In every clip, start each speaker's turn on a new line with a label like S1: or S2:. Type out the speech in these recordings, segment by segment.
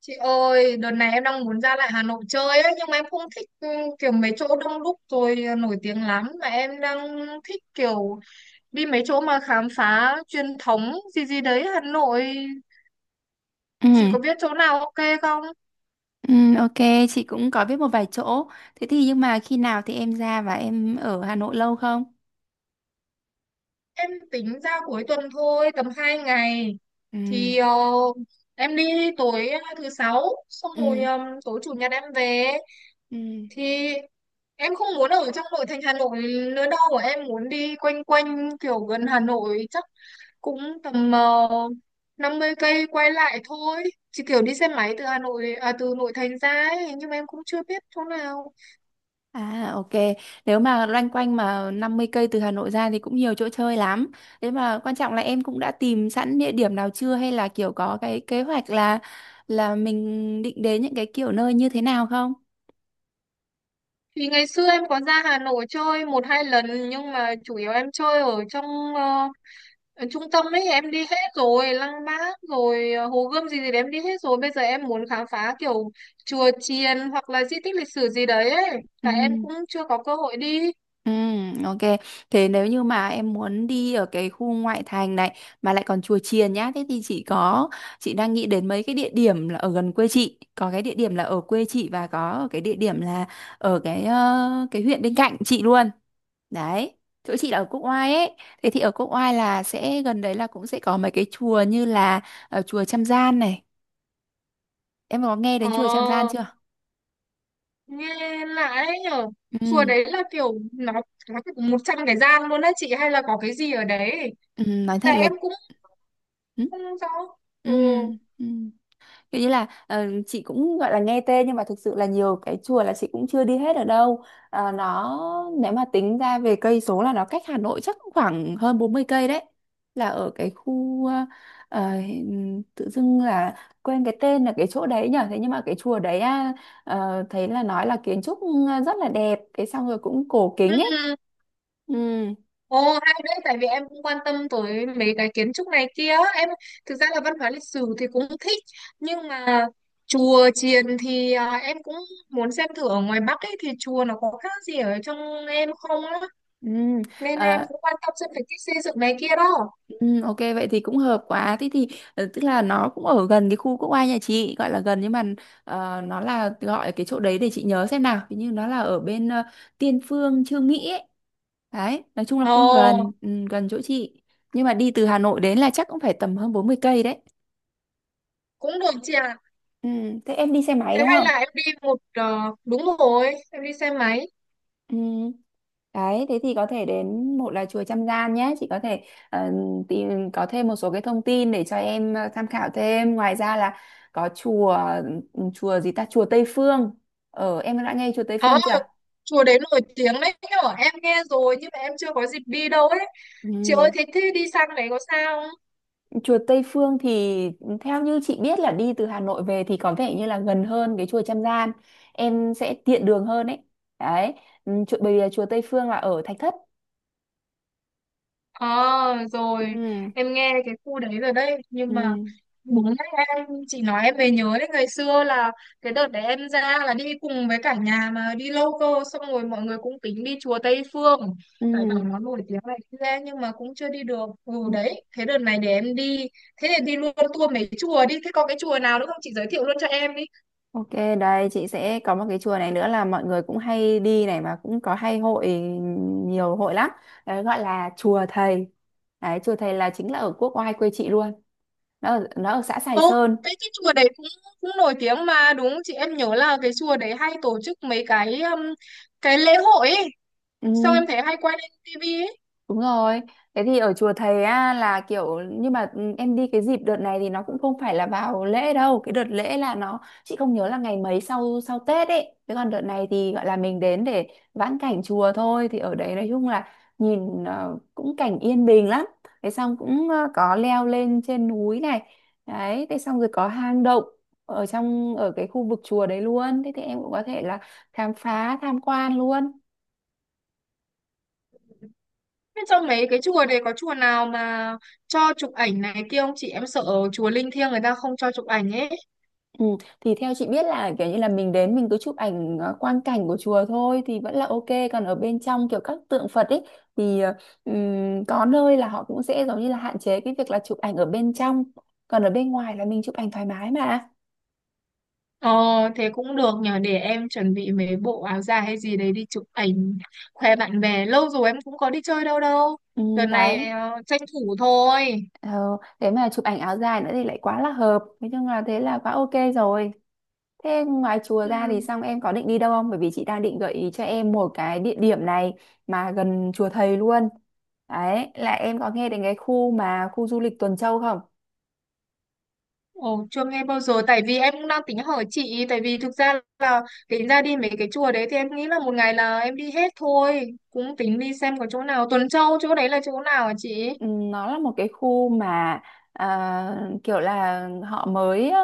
S1: Chị ơi, đợt này em đang muốn ra lại Hà Nội chơi ấy, nhưng mà em không thích kiểu mấy chỗ đông đúc rồi nổi tiếng lắm, mà em đang thích kiểu đi mấy chỗ mà khám phá truyền thống gì gì đấy Hà Nội. Chị
S2: Ừ,
S1: có biết chỗ nào ok không?
S2: ừ, ok, chị cũng có biết một vài chỗ. Thế thì nhưng mà khi nào thì em ra và em ở Hà Nội lâu không?
S1: Em tính ra cuối tuần thôi, tầm 2 ngày.
S2: Ừ,
S1: Thì em đi tối thứ sáu, xong rồi
S2: ừ,
S1: tối chủ nhật em về.
S2: ừ.
S1: Thì em không muốn ở trong nội thành Hà Nội nữa đâu, em muốn đi quanh quanh kiểu gần Hà Nội cũng tầm 50 cây quay lại thôi, chỉ kiểu đi xe máy từ Hà Nội à, từ nội thành ra ấy, nhưng mà em cũng chưa biết chỗ nào.
S2: À, ok. Nếu mà loanh quanh mà 50 cây từ Hà Nội ra thì cũng nhiều chỗ chơi lắm. Thế mà quan trọng là em cũng đã tìm sẵn địa điểm nào chưa hay là kiểu có cái kế hoạch là mình định đến những cái kiểu nơi như thế nào không?
S1: Thì ngày xưa em có ra Hà Nội chơi một hai lần nhưng mà chủ yếu em chơi ờ, ở trung tâm ấy, em đi hết rồi, Lăng Bác rồi Hồ Gươm gì gì đấy em đi hết rồi. Bây giờ em muốn khám phá kiểu chùa chiền hoặc là di tích lịch sử gì đấy ấy,
S2: Ừ.
S1: cả em cũng chưa có cơ hội đi.
S2: Ừ, ok. Thế nếu như mà em muốn đi ở cái khu ngoại thành này mà lại còn chùa chiền nhá, thế thì chị đang nghĩ đến mấy cái địa điểm là ở gần quê chị, có cái địa điểm là ở quê chị và có cái địa điểm là ở cái huyện bên cạnh chị luôn. Đấy. Chỗ chị là ở Quốc Oai ấy. Thế thì ở Quốc Oai là sẽ gần đấy, là cũng sẽ có mấy cái chùa như là chùa Trăm Gian này. Em có nghe đến chùa Trăm Gian
S1: Ờ,
S2: chưa?
S1: nghe lạ đấy nhở. Chùa
S2: Ừ,
S1: đấy là kiểu nó có 100 cái gian luôn á chị, hay là có cái gì ở đấy,
S2: ừ nói thật
S1: tại
S2: là
S1: em cũng
S2: ừ.
S1: không rõ.
S2: Ừ.
S1: Ừ.
S2: Ừ. Kiểu như là chị cũng gọi là nghe tên nhưng mà thực sự là nhiều cái chùa là chị cũng chưa đi hết ở đâu. Ờ, nó nếu mà tính ra về cây số là nó cách Hà Nội chắc cũng khoảng hơn 40 cây đấy. Là ở cái khu ờ, tự dưng là quên cái tên là cái chỗ đấy nhở. Thế nhưng mà cái chùa đấy à, thấy là nói là kiến trúc rất là đẹp, cái xong rồi cũng cổ kính ấy.
S1: Ừ.
S2: Ừ.
S1: Ồ, hay đấy, tại vì em cũng quan tâm tới mấy cái kiến trúc này kia, em thực ra là văn hóa lịch sử thì cũng thích, nhưng mà chùa chiền thì em cũng muốn xem thử ở ngoài Bắc ấy thì chùa nó có khác gì ở trong em không á, nên
S2: Ừ.
S1: em cũng quan tâm xem về cái xây dựng này kia đó.
S2: Ừ, ok vậy thì cũng hợp quá, thế thì tức là nó cũng ở gần cái khu quốc oai nhà chị, gọi là gần nhưng mà nó là gọi cái chỗ đấy để chị nhớ xem nào. Hình như nó là ở bên Tiên Phương Chương Mỹ ấy. Đấy nói chung là
S1: Ồ,
S2: cũng gần, gần chỗ chị, nhưng mà đi từ Hà Nội đến là chắc cũng phải tầm hơn 40 cây đấy.
S1: cũng được chị ạ.
S2: Ừ, thế em đi xe máy
S1: Thế
S2: đúng
S1: hay
S2: không?
S1: là em đi một ờ, Đúng rồi, em đi xe máy.
S2: Ừ. Đấy, thế thì có thể đến, một là chùa Trăm Gian nhé, chị có thể ờ, tìm có thêm một số cái thông tin để cho em tham khảo thêm. Ngoài ra là có chùa gì ta, chùa Tây Phương. Ờ, em đã nghe chùa Tây
S1: Ờ,
S2: Phương chưa?
S1: chùa đấy nổi tiếng đấy nhở, em nghe rồi nhưng mà em chưa có dịp đi đâu ấy. Chị ơi
S2: Ừ.
S1: thế thế đi sang đấy có sao.
S2: Chùa Tây Phương thì theo như chị biết là đi từ Hà Nội về thì có vẻ như là gần hơn cái chùa Trăm Gian. Em sẽ tiện đường hơn ấy. Đấy, bởi vì là chùa Tây Phương là ở Thạch Thất.
S1: Ờ, rồi
S2: Ừ.
S1: em nghe cái khu đấy rồi đấy,
S2: Ừ.
S1: nhưng mà đúng đấy, em chị nói em mới nhớ đấy, ngày xưa là cái đợt đấy em ra là đi cùng với cả nhà mà đi lâu cơ, xong rồi mọi người cũng tính đi chùa Tây Phương,
S2: Ừ.
S1: tại bảo nó nổi tiếng này kia nhưng mà cũng chưa đi được. Ừ, đấy, thế đợt này để em đi, thế thì đi luôn tour mấy chùa đi, thế có cái chùa nào nữa không chị giới thiệu luôn cho em đi.
S2: Ok, đây chị sẽ có một cái chùa này nữa là mọi người cũng hay đi này, mà cũng có hay hội, nhiều hội lắm. Đấy, gọi là chùa Thầy. Đấy, chùa Thầy là chính là ở quốc oai quê chị luôn. Nó ở xã Sài
S1: Ô,
S2: Sơn.
S1: cái chùa đấy cũng cũng nổi tiếng mà đúng không chị, em nhớ là cái chùa đấy hay tổ chức mấy cái lễ hội ấy.
S2: Ừ.
S1: Xong em thấy hay quay lên tivi ấy.
S2: Đúng rồi. Thế thì ở chùa thầy á là kiểu, nhưng mà em đi cái dịp đợt này thì nó cũng không phải là vào lễ đâu. Cái đợt lễ là nó chị không nhớ là ngày mấy, sau sau Tết ấy. Thế còn đợt này thì gọi là mình đến để vãn cảnh chùa thôi, thì ở đấy nói chung là nhìn cũng cảnh yên bình lắm. Thế xong cũng có leo lên trên núi này. Đấy, thế xong rồi có hang động ở cái khu vực chùa đấy luôn. Thế thì em cũng có thể là khám phá tham quan luôn.
S1: Thế trong mấy cái chùa đấy có chùa nào mà cho chụp ảnh này kia không chị? Em sợ chùa linh thiêng người ta không cho chụp ảnh ấy.
S2: Ừ, thì theo chị biết là kiểu như là mình đến mình cứ chụp ảnh quang cảnh của chùa thôi thì vẫn là ok, còn ở bên trong kiểu các tượng Phật ấy thì có nơi là họ cũng sẽ giống như là hạn chế cái việc là chụp ảnh ở bên trong, còn ở bên ngoài là mình chụp ảnh thoải mái mà.
S1: Ờ, thế cũng được nhờ, để em chuẩn bị mấy bộ áo dài hay gì đấy đi chụp ảnh khoe bạn bè. Lâu rồi em cũng có đi chơi đâu đâu. Đợt này
S2: Đấy,
S1: tranh thủ thôi.
S2: ờ, thế mà chụp ảnh áo dài nữa thì lại quá là hợp, nói chung là thế là quá ok rồi. Thế ngoài chùa ra
S1: Ừ.
S2: thì xong em có định đi đâu không? Bởi vì chị đang định gợi ý cho em một cái địa điểm này mà gần chùa thầy luôn. Đấy, là em có nghe đến cái khu mà khu du lịch Tuần Châu không?
S1: Ồ, chưa nghe bao giờ, tại vì em cũng đang tính hỏi chị ý, tại vì thực ra là tính ra đi mấy cái chùa đấy thì em nghĩ là một ngày là em đi hết thôi, cũng tính đi xem có chỗ nào. Tuần Châu chỗ đấy là chỗ nào hả chị?
S2: Nó là một cái khu mà kiểu là họ mới á,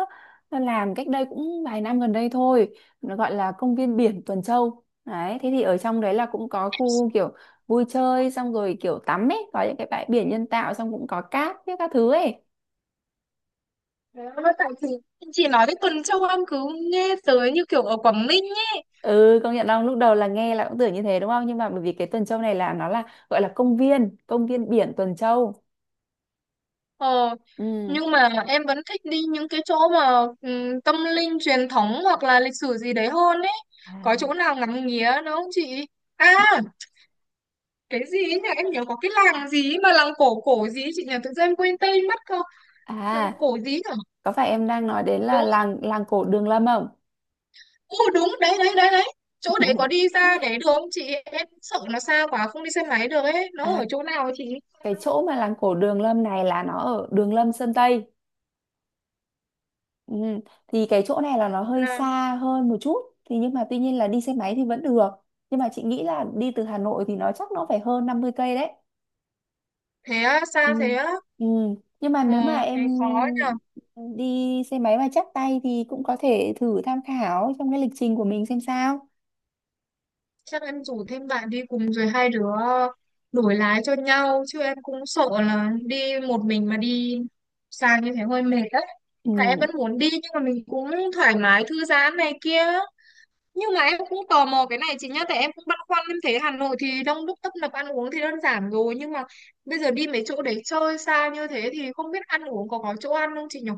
S2: làm cách đây cũng vài năm gần đây thôi. Nó gọi là công viên biển Tuần Châu. Đấy, thế thì ở trong đấy là cũng có khu kiểu vui chơi xong rồi kiểu tắm ấy, có những cái bãi biển nhân tạo, xong cũng có cát với các thứ ấy.
S1: Đấy, tại chị nói đến Tuần Châu em cứ nghe tới như kiểu ở Quảng Ninh ấy.
S2: Ừ, công nhận không, lúc đầu là nghe là cũng tưởng như thế đúng không, nhưng mà bởi vì cái Tuần Châu này là nó là gọi là công viên biển Tuần Châu.
S1: ờ,
S2: Ừ.
S1: nhưng mà em vẫn thích đi những cái chỗ mà tâm linh truyền thống hoặc là lịch sử gì đấy hơn ấy, có
S2: À.
S1: chỗ nào ngắm nghía nữa không chị? À, cái gì ấy nhỉ, em nhớ có cái làng gì ấy mà làng cổ cổ gì ấy chị nhỉ, tự nhiên em quên tên mất không, làng
S2: à
S1: cổ gì nhỉ.
S2: có phải em đang nói đến là
S1: Đúng.
S2: làng làng cổ Đường Lâm không?
S1: Ô đúng đấy, đấy đấy đấy Chỗ đấy có đi ra đấy được không chị, em sợ nó xa quá không đi xe máy được ấy, nó
S2: à
S1: ở chỗ nào ấy chị?
S2: cái chỗ mà làng cổ Đường Lâm này là nó ở Đường Lâm Sơn Tây. Ừ. Thì cái chỗ này là nó hơi
S1: Là,
S2: xa hơn một chút, thì nhưng mà tuy nhiên là đi xe máy thì vẫn được, nhưng mà chị nghĩ là đi từ Hà Nội thì nó phải hơn 50 cây đấy.
S1: thế á,
S2: Ừ.
S1: xa thế á.
S2: Ừ. Nhưng mà
S1: Ờ,
S2: nếu mà
S1: thế
S2: em
S1: khó nhỉ.
S2: đi xe máy mà chắc tay thì cũng có thể thử tham khảo trong cái lịch trình của mình xem sao.
S1: Chắc em rủ thêm bạn đi cùng rồi hai đứa đổi lái cho nhau, chứ em cũng sợ là đi một mình mà đi xa như thế hơi mệt đấy, tại em
S2: Ừ.
S1: vẫn muốn đi nhưng mà mình cũng thoải mái thư giãn này kia. Nhưng mà em cũng tò mò cái này chị nhá, tại em cũng băn khoăn, em thấy Hà Nội thì đông đúc tấp nập, ăn uống thì đơn giản rồi, nhưng mà bây giờ đi mấy chỗ để chơi xa như thế thì không biết ăn uống có chỗ ăn không chị nhỉ?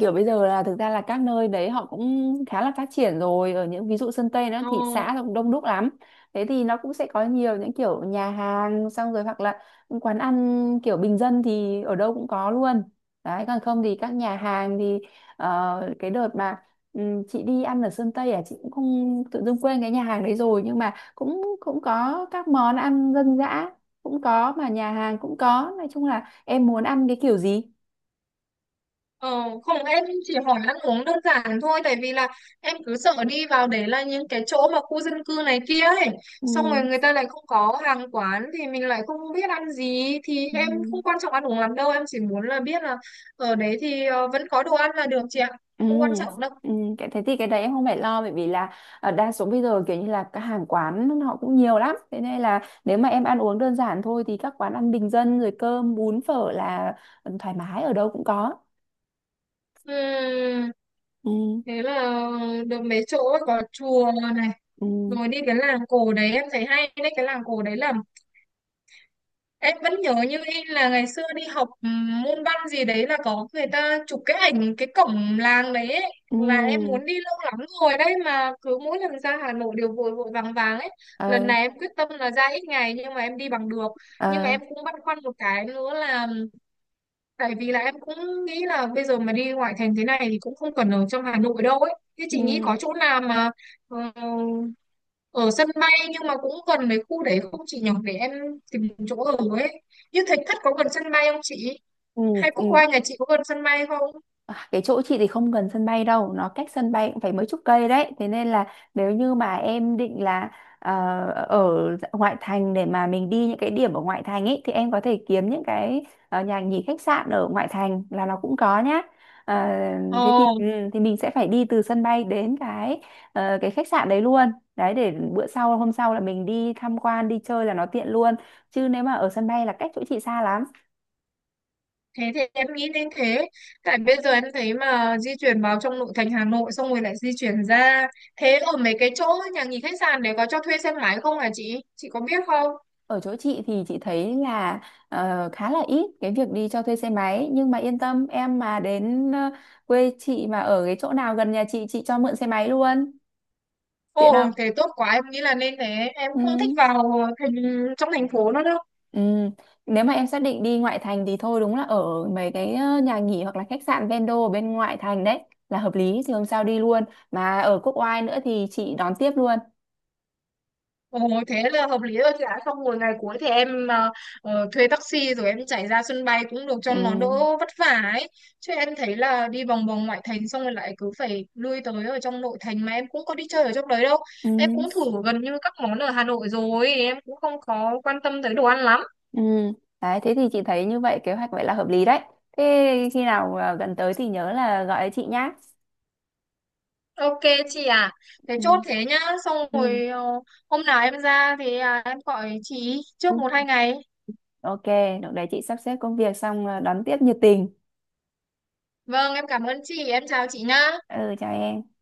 S2: Kiểu bây giờ là thực ra là các nơi đấy họ cũng khá là phát triển rồi, ở những ví dụ Sơn Tây, nó
S1: Ờ,
S2: thị xã nó cũng đông đúc lắm, thế thì nó cũng sẽ có nhiều những kiểu nhà hàng, xong rồi hoặc là những quán ăn kiểu bình dân thì ở đâu cũng có luôn. Đấy, còn không thì các nhà hàng thì cái đợt mà chị đi ăn ở Sơn Tây à, chị cũng không, tự dưng quên cái nhà hàng đấy rồi, nhưng mà cũng cũng có các món ăn dân dã cũng có, mà nhà hàng cũng có, nói chung là em muốn ăn cái kiểu gì.
S1: ờ, không, em chỉ hỏi ăn uống đơn giản thôi, tại vì là em cứ sợ đi vào để là những cái chỗ mà khu dân cư này kia ấy,
S2: Ừ.
S1: xong rồi người ta lại không có hàng quán, thì mình lại không biết ăn gì. Thì
S2: Ừ.
S1: em không quan trọng ăn uống lắm đâu, em chỉ muốn là biết là ở đấy thì vẫn có đồ ăn là được chị ạ.
S2: Ừ,
S1: Không quan trọng đâu.
S2: ừ, cái thế thì cái đấy em không phải lo, bởi vì là đa số bây giờ kiểu như là các hàng quán họ cũng nhiều lắm, thế nên là nếu mà em ăn uống đơn giản thôi thì các quán ăn bình dân rồi cơm bún phở là thoải mái, ở đâu cũng có.
S1: Ừm,
S2: Ừ.
S1: thế là được mấy chỗ ấy, có chùa này,
S2: Ừ.
S1: rồi đi cái làng cổ đấy em thấy hay đấy, cái làng cổ đấy là em vẫn nhớ như in là ngày xưa đi học môn văn gì đấy là có người ta chụp cái ảnh cái cổng làng đấy ấy,
S2: Ừ.
S1: là em muốn đi lâu lắm rồi đấy, mà cứ mỗi lần ra Hà Nội đều vội vội vàng vàng ấy. Lần
S2: Ờ.
S1: này em quyết tâm là ra ít ngày nhưng mà em đi bằng được. Nhưng mà
S2: Ờ.
S1: em cũng băn khoăn một cái nữa là, tại vì là em cũng nghĩ là bây giờ mà đi ngoại thành thế này thì cũng không cần ở trong Hà Nội đâu ấy. Thế chị nghĩ
S2: Ừ.
S1: có chỗ nào mà ờ, ở sân bay nhưng mà cũng gần cái khu đấy không chị nhỉ? Để em tìm chỗ ở ấy. Như Thạch Thất có gần sân bay không chị?
S2: Ừ.
S1: Hay Quốc
S2: Ừ.
S1: Oai nhà chị có gần sân bay không?
S2: À, cái chỗ chị thì không gần sân bay đâu, nó cách sân bay cũng phải mấy chục cây đấy, thế nên là nếu như mà em định là ờ, ở ngoại thành để mà mình đi những cái điểm ở ngoại thành ấy, thì em có thể kiếm những cái nhà nghỉ khách sạn ở ngoại thành là nó cũng có nhá. Ờ, thế thì
S1: Ồ,
S2: mình sẽ phải đi từ sân bay đến cái khách sạn đấy luôn đấy, để bữa sau hôm sau là mình đi tham quan đi chơi là nó tiện luôn, chứ nếu mà ở sân bay là cách chỗ chị xa lắm.
S1: thế thì em nghĩ đến thế. Tại bây giờ em thấy mà di chuyển vào trong nội thành Hà Nội xong rồi lại di chuyển ra. Thế ở mấy cái chỗ nhà nghỉ khách sạn để có cho thuê xe máy không hả chị? Chị có biết không?
S2: Ở chỗ chị thì chị thấy là khá là ít cái việc đi cho thuê xe máy, nhưng mà yên tâm, em mà đến quê chị, mà ở cái chỗ nào gần nhà chị cho mượn xe máy luôn, tiện không?
S1: Ồ, thế tốt quá, em nghĩ là nên thế. Em
S2: Ừ.
S1: không thích vào thành trong thành phố nữa đâu.
S2: Ừ. Nếu mà em xác định đi ngoại thành thì thôi, đúng là ở mấy cái nhà nghỉ hoặc là khách sạn vendo ở bên ngoại thành đấy là hợp lý, thì hôm sau đi luôn, mà ở Quốc Oai nữa thì chị đón tiếp luôn.
S1: Ồ, thế là hợp lý rồi chị ạ. Xong rồi ngày cuối thì em thuê taxi rồi em chạy ra sân bay cũng được cho
S2: Ừ.
S1: nó đỡ vất vả ấy. Chứ em thấy là đi vòng vòng ngoại thành xong rồi lại cứ phải lui tới ở trong nội thành mà em cũng có đi chơi ở trong đấy đâu. Em cũng
S2: Ừ.
S1: thử gần như các món ở Hà Nội rồi, em cũng không có quan tâm tới đồ ăn lắm.
S2: Ừ, đấy, thế thì chị thấy như vậy, kế hoạch vậy là hợp lý đấy. Thế khi nào gần tới thì nhớ là gọi chị nhá.
S1: Ok chị à, thế chốt
S2: Ừ,
S1: thế nhá. Xong
S2: ừ.
S1: rồi hôm nào em ra thì em gọi chị
S2: Ừ.
S1: trước một hai ngày.
S2: Ok, lúc đấy chị sắp xếp công việc xong đón tiếp nhiệt tình.
S1: Vâng, em cảm ơn chị, em chào chị nhá.
S2: Ừ, chào em.